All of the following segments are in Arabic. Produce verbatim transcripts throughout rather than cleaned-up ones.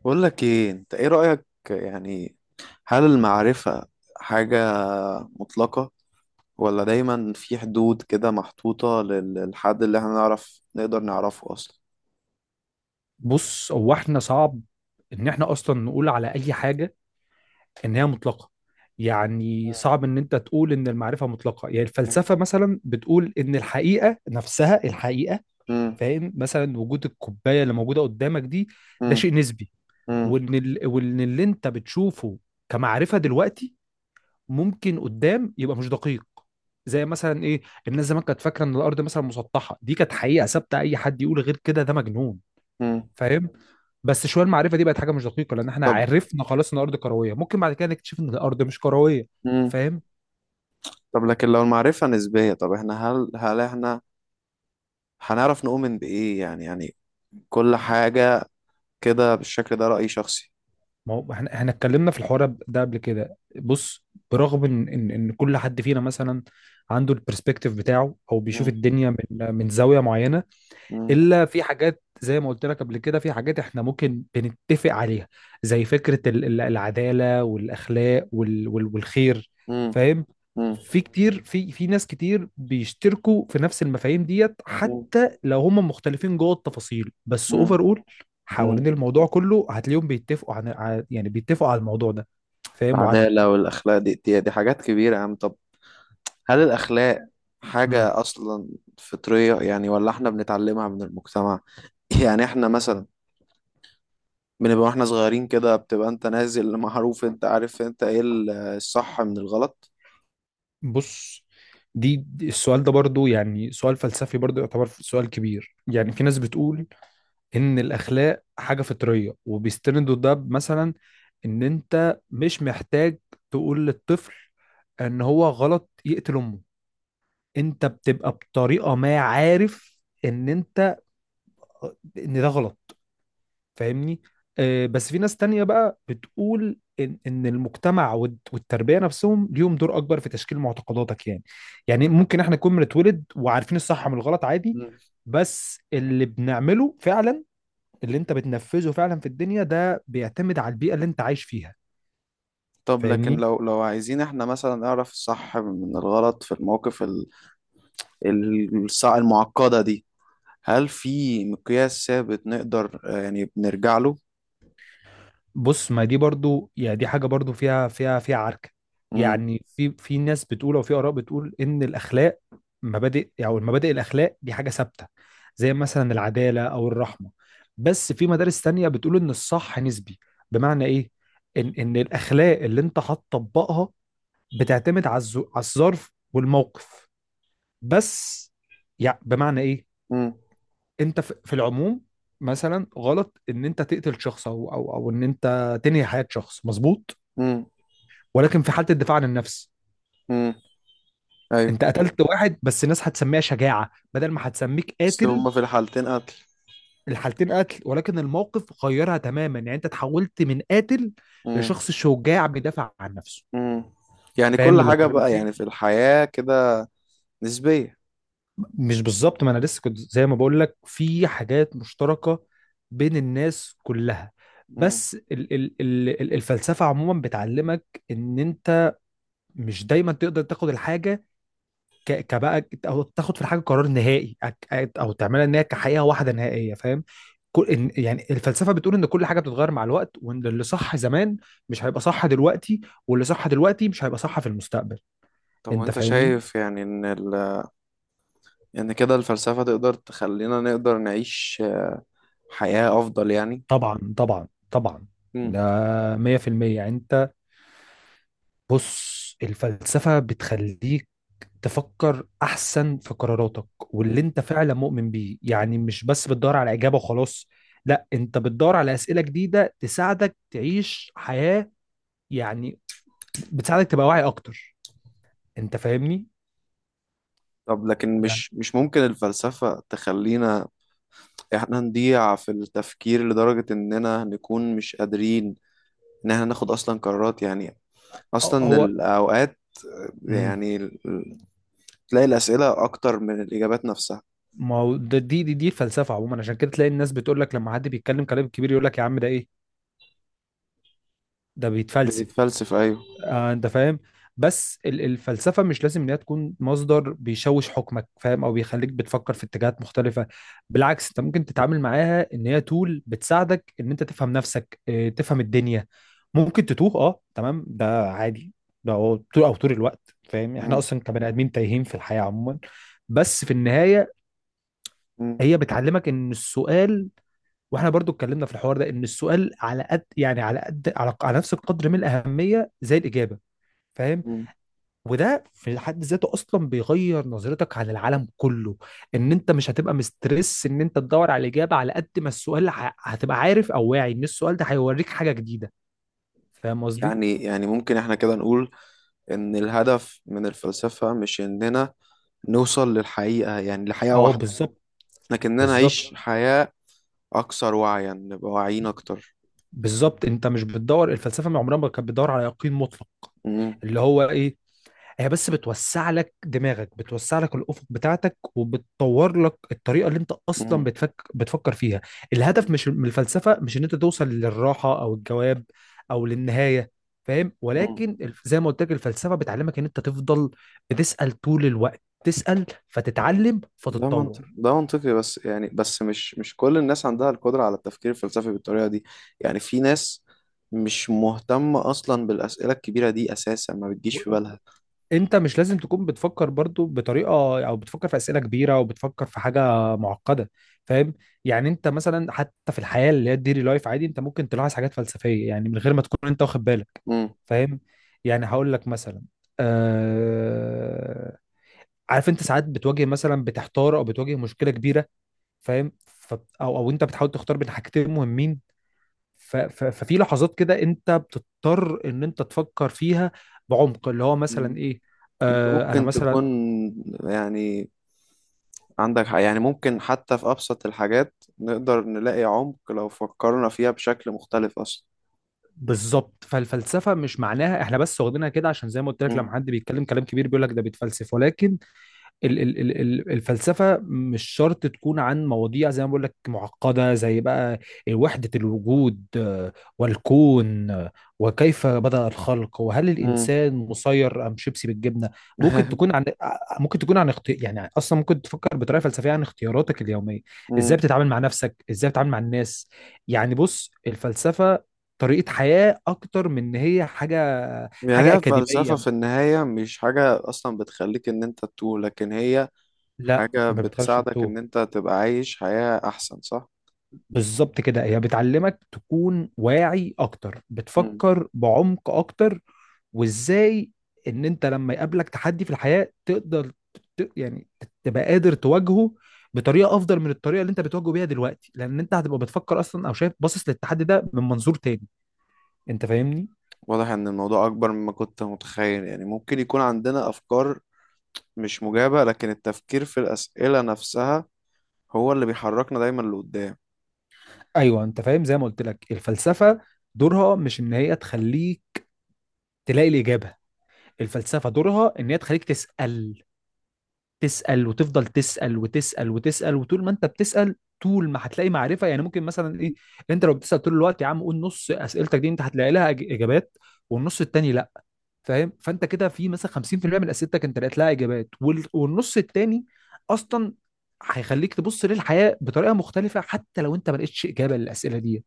بقول لك ايه، انت ايه رأيك يعني؟ هل المعرفة حاجة مطلقة، ولا دايما في حدود كده محطوطة لل- للحد اللي احنا نعرف نقدر نعرفه اصلا؟ بص، هو احنا صعب ان احنا اصلا نقول على اي حاجه ان هي مطلقه. يعني صعب ان انت تقول ان المعرفه مطلقه. يعني مم. الفلسفه مثلا بتقول ان الحقيقه نفسها الحقيقه. مم. فاهم؟ مثلا وجود الكوبايه اللي موجوده قدامك دي، ده مم. شيء نسبي. مم. وان ال... وان اللي انت بتشوفه كمعرفه دلوقتي ممكن قدام يبقى مش دقيق. زي مثلا ايه؟ الناس زمان كانت فاكره ان الارض مثلا مسطحه، دي كانت حقيقه ثابته، اي حد يقول غير كده ده مجنون. مم. فاهم؟ بس شويه المعرفه دي بقت حاجه مش دقيقه، لان احنا طب. عرفنا خلاص ان الارض كرويه. ممكن بعد كده نكتشف ان الارض مش كرويه. مم. فاهم؟ طب لكن لو المعرفة نسبية، طب احنا هل هل احنا هنعرف نؤمن بإيه يعني؟ يعني كل حاجة كده بالشكل ده رأي شخصي. ما هو احنا احنا اتكلمنا في الحوار ده قبل كده. بص، برغم ان ان ان كل حد فينا مثلا عنده البرسبكتيف بتاعه او بيشوف مم. الدنيا من من زاويه معينه، مم. الا في حاجات زي ما قلت لك قبل كده، في حاجات احنا ممكن بنتفق عليها، زي فكرة ال- ال- العدالة والاخلاق وال وال والخير. مم. فاهم؟ مم. في كتير، في في ناس كتير بيشتركوا في نفس المفاهيم ديت حتى لو هم مختلفين جوه التفاصيل. بس اوفر مم. اول مم. حوالين الموضوع كله هتلاقيهم بيتفقوا عن ع- يعني بيتفقوا على الموضوع ده. فاهم وعارف؟ العدالة والأخلاق دي, دي دي حاجات كبيرة يا عم. طب، هل الأخلاق مم. حاجة أصلا فطرية يعني، ولا إحنا بنتعلمها من المجتمع؟ يعني إحنا مثلا بنبقى وإحنا صغيرين كده، بتبقى أنت نازل معروف، أنت عارف أنت إيه ال- الصح من الغلط. بص، دي دي- السؤال ده برضو يعني سؤال فلسفي، برضو يعتبر سؤال كبير. يعني في ناس بتقول ان الاخلاق حاجه فطريه، وبيستندوا ده مثلا ان انت مش محتاج تقول للطفل ان هو غلط يقتل امه. انت بتبقى بطريقه ما عارف ان انت، ان ده غلط. فاهمني؟ آه، بس في ناس تانية بقى بتقول ان ان المجتمع والت- والتربيه نفسهم ليهم دور اكبر في تشكيل معتقداتك. يعني، يعني ممكن احنا نكون بنتولد وعارفين الصح من الغلط عادي. مم. بس اللي بنعمله فعلا، اللي انت بتنفذه فعلا في الدنيا ده، بيعتمد على البيئة اللي انت عايش فيها. طب لكن فاهمني؟ لو لو عايزين إحنا مثلا نعرف الصح من الغلط في المواقف ال- ال- الصع- المعقدة دي، هل في مقياس ثابت نقدر، آه، يعني، بنرجع له؟ بص، ما دي برضو يعني دي حاجة برضو فيها فيها فيها عركة. مم. يعني في، في ناس بتقول، او في آراء بتقول، ان الاخلاق مبادئ، او المبادئ الاخلاق دي حاجة ثابتة، زي مثلا العدالة او الرحمة. بس في مدارس تانية بتقول ان الصح نسبي. بمعنى ايه؟ ان ان الاخلاق اللي انت هتطبقها بتعتمد على الز- على الظرف والموقف بس. يعني بمعنى ايه؟ مم. انت في في العموم مثلا غلط ان انت تقتل شخص، او او او ان انت تنهي حياة شخص. مظبوط؟ مم. ولكن في حالة الدفاع عن النفس مم. أيوه. انت قتلت واحد، بس الناس هتسميها شجاعة بدل ما هتسميك بس قاتل. هما في الحالتين قتل. الحالتين قتل، ولكن الموقف غيرها تماما. يعني انت تحولت من قاتل مم. لشخص شجاع بيدافع عن نفسه. مم. يعني فاهم كل اللي حاجة بكلمك بقى يعني في فيه؟ الحياة كده نسبية. مش بالظبط. ما انا لسه كنت زي ما بقول لك في حاجات مشتركه بين الناس كلها. مم. بس ال ال ال ال- الفلسفه عموما بتعلمك ان انت مش دايما تقدر تاخد الحاجه ك- كبقى او تاخد في الحاجه قرار نهائي، أك- او تعملها ان هي كحقيقه واحده نهائيه. فاهم؟ كل إن يعني الفلسفه بتقول ان كل حاجه بتتغير مع الوقت، وان اللي صح زمان مش هيبقى صح دلوقتي، واللي صح دلوقتي مش هيبقى صح في المستقبل. طب انت وانت فاهمني؟ شايف يعني ان ال... ان كده الفلسفة تقدر تخلينا نقدر نعيش حياة افضل يعني؟ طبعا، طبعا، طبعا. مم. ده مية في المية. انت، بص الفلسفة بتخليك تفكر أحسن في قراراتك مم. واللي أنت فعلا مؤمن بيه. يعني مش بس بتدور على إجابة وخلاص، لا، أنت بتدور على أسئلة جديدة تساعدك تعيش حياة، يعني بتساعدك تبقى واعي أكتر. أنت فاهمني؟ طب لكن يعني مش مش ممكن الفلسفة تخلينا احنا نضيع في التفكير لدرجة اننا نكون مش قادرين ان احنا ناخد اصلا قرارات يعني، آه، اصلا هو الاوقات، مم. يعني تلاقي الأسئلة أكتر من الإجابات نفسها. ما هو ده دي دي دي الفلسفة عموما. عشان كده تلاقي الناس بتقول لك لما حد بيتكلم كلام كبير يقول لك يا عم ده إيه؟ ده بيتفلسف. بنتفلسف، ايوه. آه، انت فاهم. بس ال- الفلسفه مش لازم ان هي تكون مصدر بيشوش حكمك، فاهم، او بيخليك بتفكر في اتجاهات مختلفه. بالعكس، انت ممكن تتعامل معاها ان هي تول بتساعدك ان انت تفهم نفسك، آه، تفهم الدنيا. ممكن تتوه، اه، تمام، ده عادي. ده هو طول او طول الوقت. فاهم؟ احنا مم. اصلا كبني ادمين تايهين في الحياه عموما. بس في النهايه مم. هي بتعلمك ان السؤال، واحنا برضو اتكلمنا في الحوار ده، ان السؤال على قد يعني على قد على, على نفس القدر من الاهميه زي الاجابه. فاهم؟ مم. وده في حد ذاته اصلا بيغير نظرتك عن العالم كله. ان انت مش هتبقى مسترس ان انت تدور على الاجابه، على قد ما السؤال ه- هتبقى عارف او واعي ان السؤال ده هيوريك حاجه جديده. فاهم قصدي؟ يعني يعني ممكن احنا كده نقول إن الهدف من الفلسفة مش إننا نوصل للحقيقة، يعني لحقيقة اه، واحدة، بالظبط. لكننا نعيش بالظبط، حياة أكثر وعيا، نبقى واعيين أكتر. بالظبط. انت مش بتدور، الفلسفه من عمرها ما كانت بتدور على يقين مطلق. مم. اللي هو ايه؟ هي بس بتوسع لك دماغك، بتوسع لك الافق بتاعتك، وبتطور لك الطريقه اللي انت اصلا مم. بتفك... بتفكر فيها. الهدف مم. مش من الفلسفه، مش ان انت توصل للراحه او الجواب او للنهايه. فاهم؟ مم. ولكن الف- زي ما قلت لك الفلسفه بتعلمك ان انت تفضل بتسال طول الوقت. تسال فتتعلم ده منطقي، فتتطور. ده منطقي، بس يعني بس مش مش كل الناس عندها القدرة على التفكير الفلسفي بالطريقة دي. يعني في ناس مش مهتمة أصلا بالأسئلة الكبيرة دي، أساسا ما بتجيش في بالها. انت مش لازم تكون بتفكر برضو بطريقه، او بتفكر في اسئله كبيره، او بتفكر في حاجه معقده. فاهم؟ يعني انت مثلا حتى في الحياه اللي هي الديلي لايف عادي، انت ممكن تلاحظ حاجات فلسفيه يعني من غير ما تكون انت واخد بالك. فاهم؟ يعني هقول لك مثلا، آه... عارف انت ساعات بتواجه مثلا، بتحتار او بتواجه مشكله كبيره. فاهم ف... او؟ او انت بتحاول تختار بين حاجتين مهمين. ف- ف- ففي لحظات كده انت بتضطر ان انت تفكر فيها بعمق. اللي هو مثلا مم. ايه؟ انت آه انا ممكن مثلا، تكون يعني عندك حق، يعني ممكن حتى في أبسط الحاجات نقدر نلاقي عمق لو فكرنا فيها بشكل مختلف أصلا. بالظبط. فالفلسفه مش معناها احنا بس واخدينها كده، عشان زي ما قلت لك لما مم. حد بيتكلم كلام كبير بيقول لك ده بيتفلسف. ولكن ال- ال- ال- ال- الفلسفة مش شرط تكون عن مواضيع زي ما بقول لك معقدة، زي بقى وحدة الوجود، آه، والكون، آه، وكيف بدأ الخلق، وهل مم. الإنسان مسير أم شيبسي بالجبنة. ممكن تكون عن، آه، ممكن تكون عن اختي... يعني أصلا ممكن تفكر بطريقة فلسفية عن اختياراتك اليومية. إزاي مم. بتتعامل مع نفسك، إزاي بتتعامل مع الناس. يعني بص، الفلسفة طريقة حياة أكتر من إن هي حاجة، يعني حاجة هي الفلسفة أكاديمية. في النهاية مش حاجة أصلا بتخليك إن أنت تتوه، لكن هي لا، حاجة ما بتخليش بتساعدك إن التوه. أنت تبقى عايش حياة أحسن، صح؟ بالظبط كده، هي بتعلمك تكون واعي اكتر، مم. بتفكر بعمق اكتر، وازاي ان انت لما يقابلك تحدي في الحياة تقدر ت... يعني تبقى قادر تواجهه بطريقة افضل من الطريقة اللي انت بتواجهه بيها دلوقتي، لان انت هتبقى بتفكر اصلا او شايف باصص للتحدي ده من منظور تاني. انت فاهمني؟ واضح إن الموضوع أكبر مما كنت متخيل، يعني ممكن يكون عندنا أفكار مش مجابة، لكن التفكير في الأسئلة نفسها هو اللي بيحركنا دايما لقدام. ايوه، انت فاهم. زي ما قلت لك الفلسفة دورها مش ان هي تخليك تلاقي الاجابة. الفلسفة دورها ان هي تخليك تسأل. تسأل وتفضل تسأل وتسأل وتسأل، وطول ما انت بتسأل طول ما هتلاقي معرفة. يعني ممكن مثلا ايه؟ انت لو بتسأل طول الوقت يا عم، قول نص أسئلتك دي انت هتلاقي لها إج- إجابات، والنص التاني لا. فاهم؟ فانت كده في مثلا خمسين في المية من أسئلتك انت لقيت لها إجابات، وال- والنص التاني أصلا هيخليك تبص للحياة بطريقة مختلفة حتى لو انت ما لقيتش إجابة للأسئلة دي.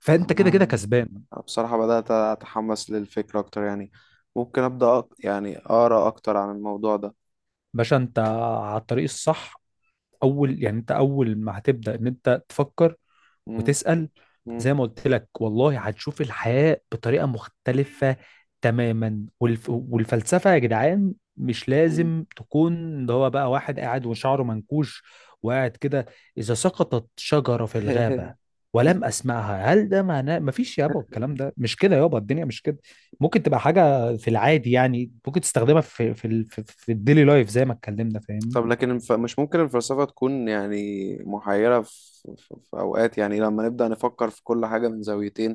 فانت كده آه. كده كسبان. بصراحة بدأت أتحمس للفكرة أكتر يعني. ممكن أبدأ أق... يعني أقرأ أكتر عن الموضوع ده. باشا، انت على الطريق الصح. اول يعني انت اول ما هتبدأ ان انت تفكر مم. وتسأل، مم. زي ما قلت لك، والله هتشوف الحياة بطريقة مختلفة تماما. والف... والفلسفة يا جدعان مش مم. لازم تكون ده هو بقى واحد قاعد وشعره منكوش وقاعد كده، إذا سقطت شجرة في الغابة ولم أسمعها هل ده معناه مفيش. يابا الكلام ده مش كده، يابا الدنيا مش كده. ممكن تبقى حاجة في العادي، يعني ممكن تستخدمها في في ال- في, في الديلي لايف زي ما اتكلمنا. فاهمني؟ طب لكن الف... مش ممكن الفلسفة تكون يعني محيرة في... في في أوقات يعني، لما نبدأ نفكر في كل حاجة من زاويتين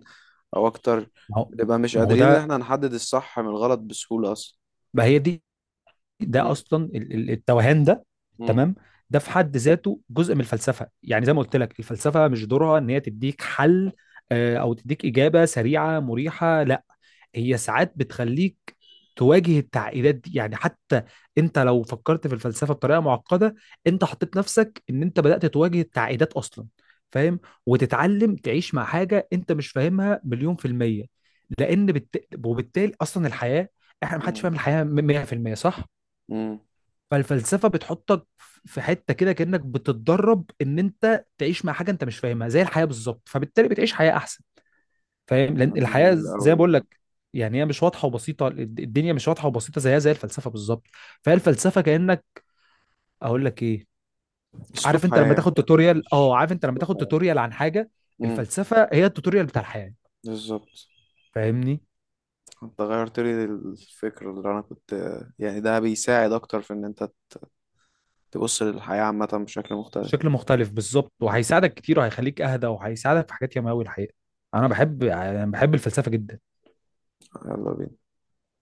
أو أكتر، ما هو بنبقى مش ما هو قادرين إن ده، إحنا نحدد الصح من الغلط بسهولة أصلا؟ ما هي دي ده مم. اصلا ال- ال- التوهان ده. مم. تمام. ده في حد ذاته جزء من الفلسفه. يعني زي ما قلت لك الفلسفه مش دورها ان هي تديك حل، آه، او تديك اجابه سريعه مريحه. لا، هي ساعات بتخليك تواجه التعقيدات دي. يعني حتى انت لو فكرت في الفلسفه بطريقه معقده، انت حطيت نفسك ان انت بدات تواجه التعقيدات اصلا. فاهم؟ وتتعلم تعيش مع حاجه انت مش فاهمها مليون في الميه، لان بالت... وبالتالي اصلا الحياه، احنا محدش مم. فاهم الحياه مية في المية، صح؟ مم. فالفلسفه بتحطك في حته كده، كانك بتتدرب ان انت تعيش مع حاجه انت مش فاهمها زي الحياه بالظبط، فبالتالي بتعيش حياه احسن. فاهم؟ لان كلام الحياه جميل زي ما بقول أوي. لك يعني هي مش واضحه وبسيطه. الد- الدنيا مش واضحه وبسيطه، زيها زي الفلسفه بالظبط. فهي الفلسفه كانك، اقول لك ايه، عارف أسلوب انت لما حياة. تاخد توتوريال، مش اه عارف انت لما أسلوب تاخد حياة. توتوريال عن حاجه، امم الفلسفه هي التوتوريال بتاع الحياه. بالظبط. فاهمني؟ انت غيرت لي الفكرة اللي انا كنت، يعني ده بيساعد اكتر في ان انت تبص للحياة عامة بشكل مختلف. شكل مختلف بالظبط، وهيساعدك كتير، وهيخليك اهدى، وهيساعدك في حاجات ياما قوي الحقيقه. انا بحب يعني بحب الفلسفه جدا. يلا بينا.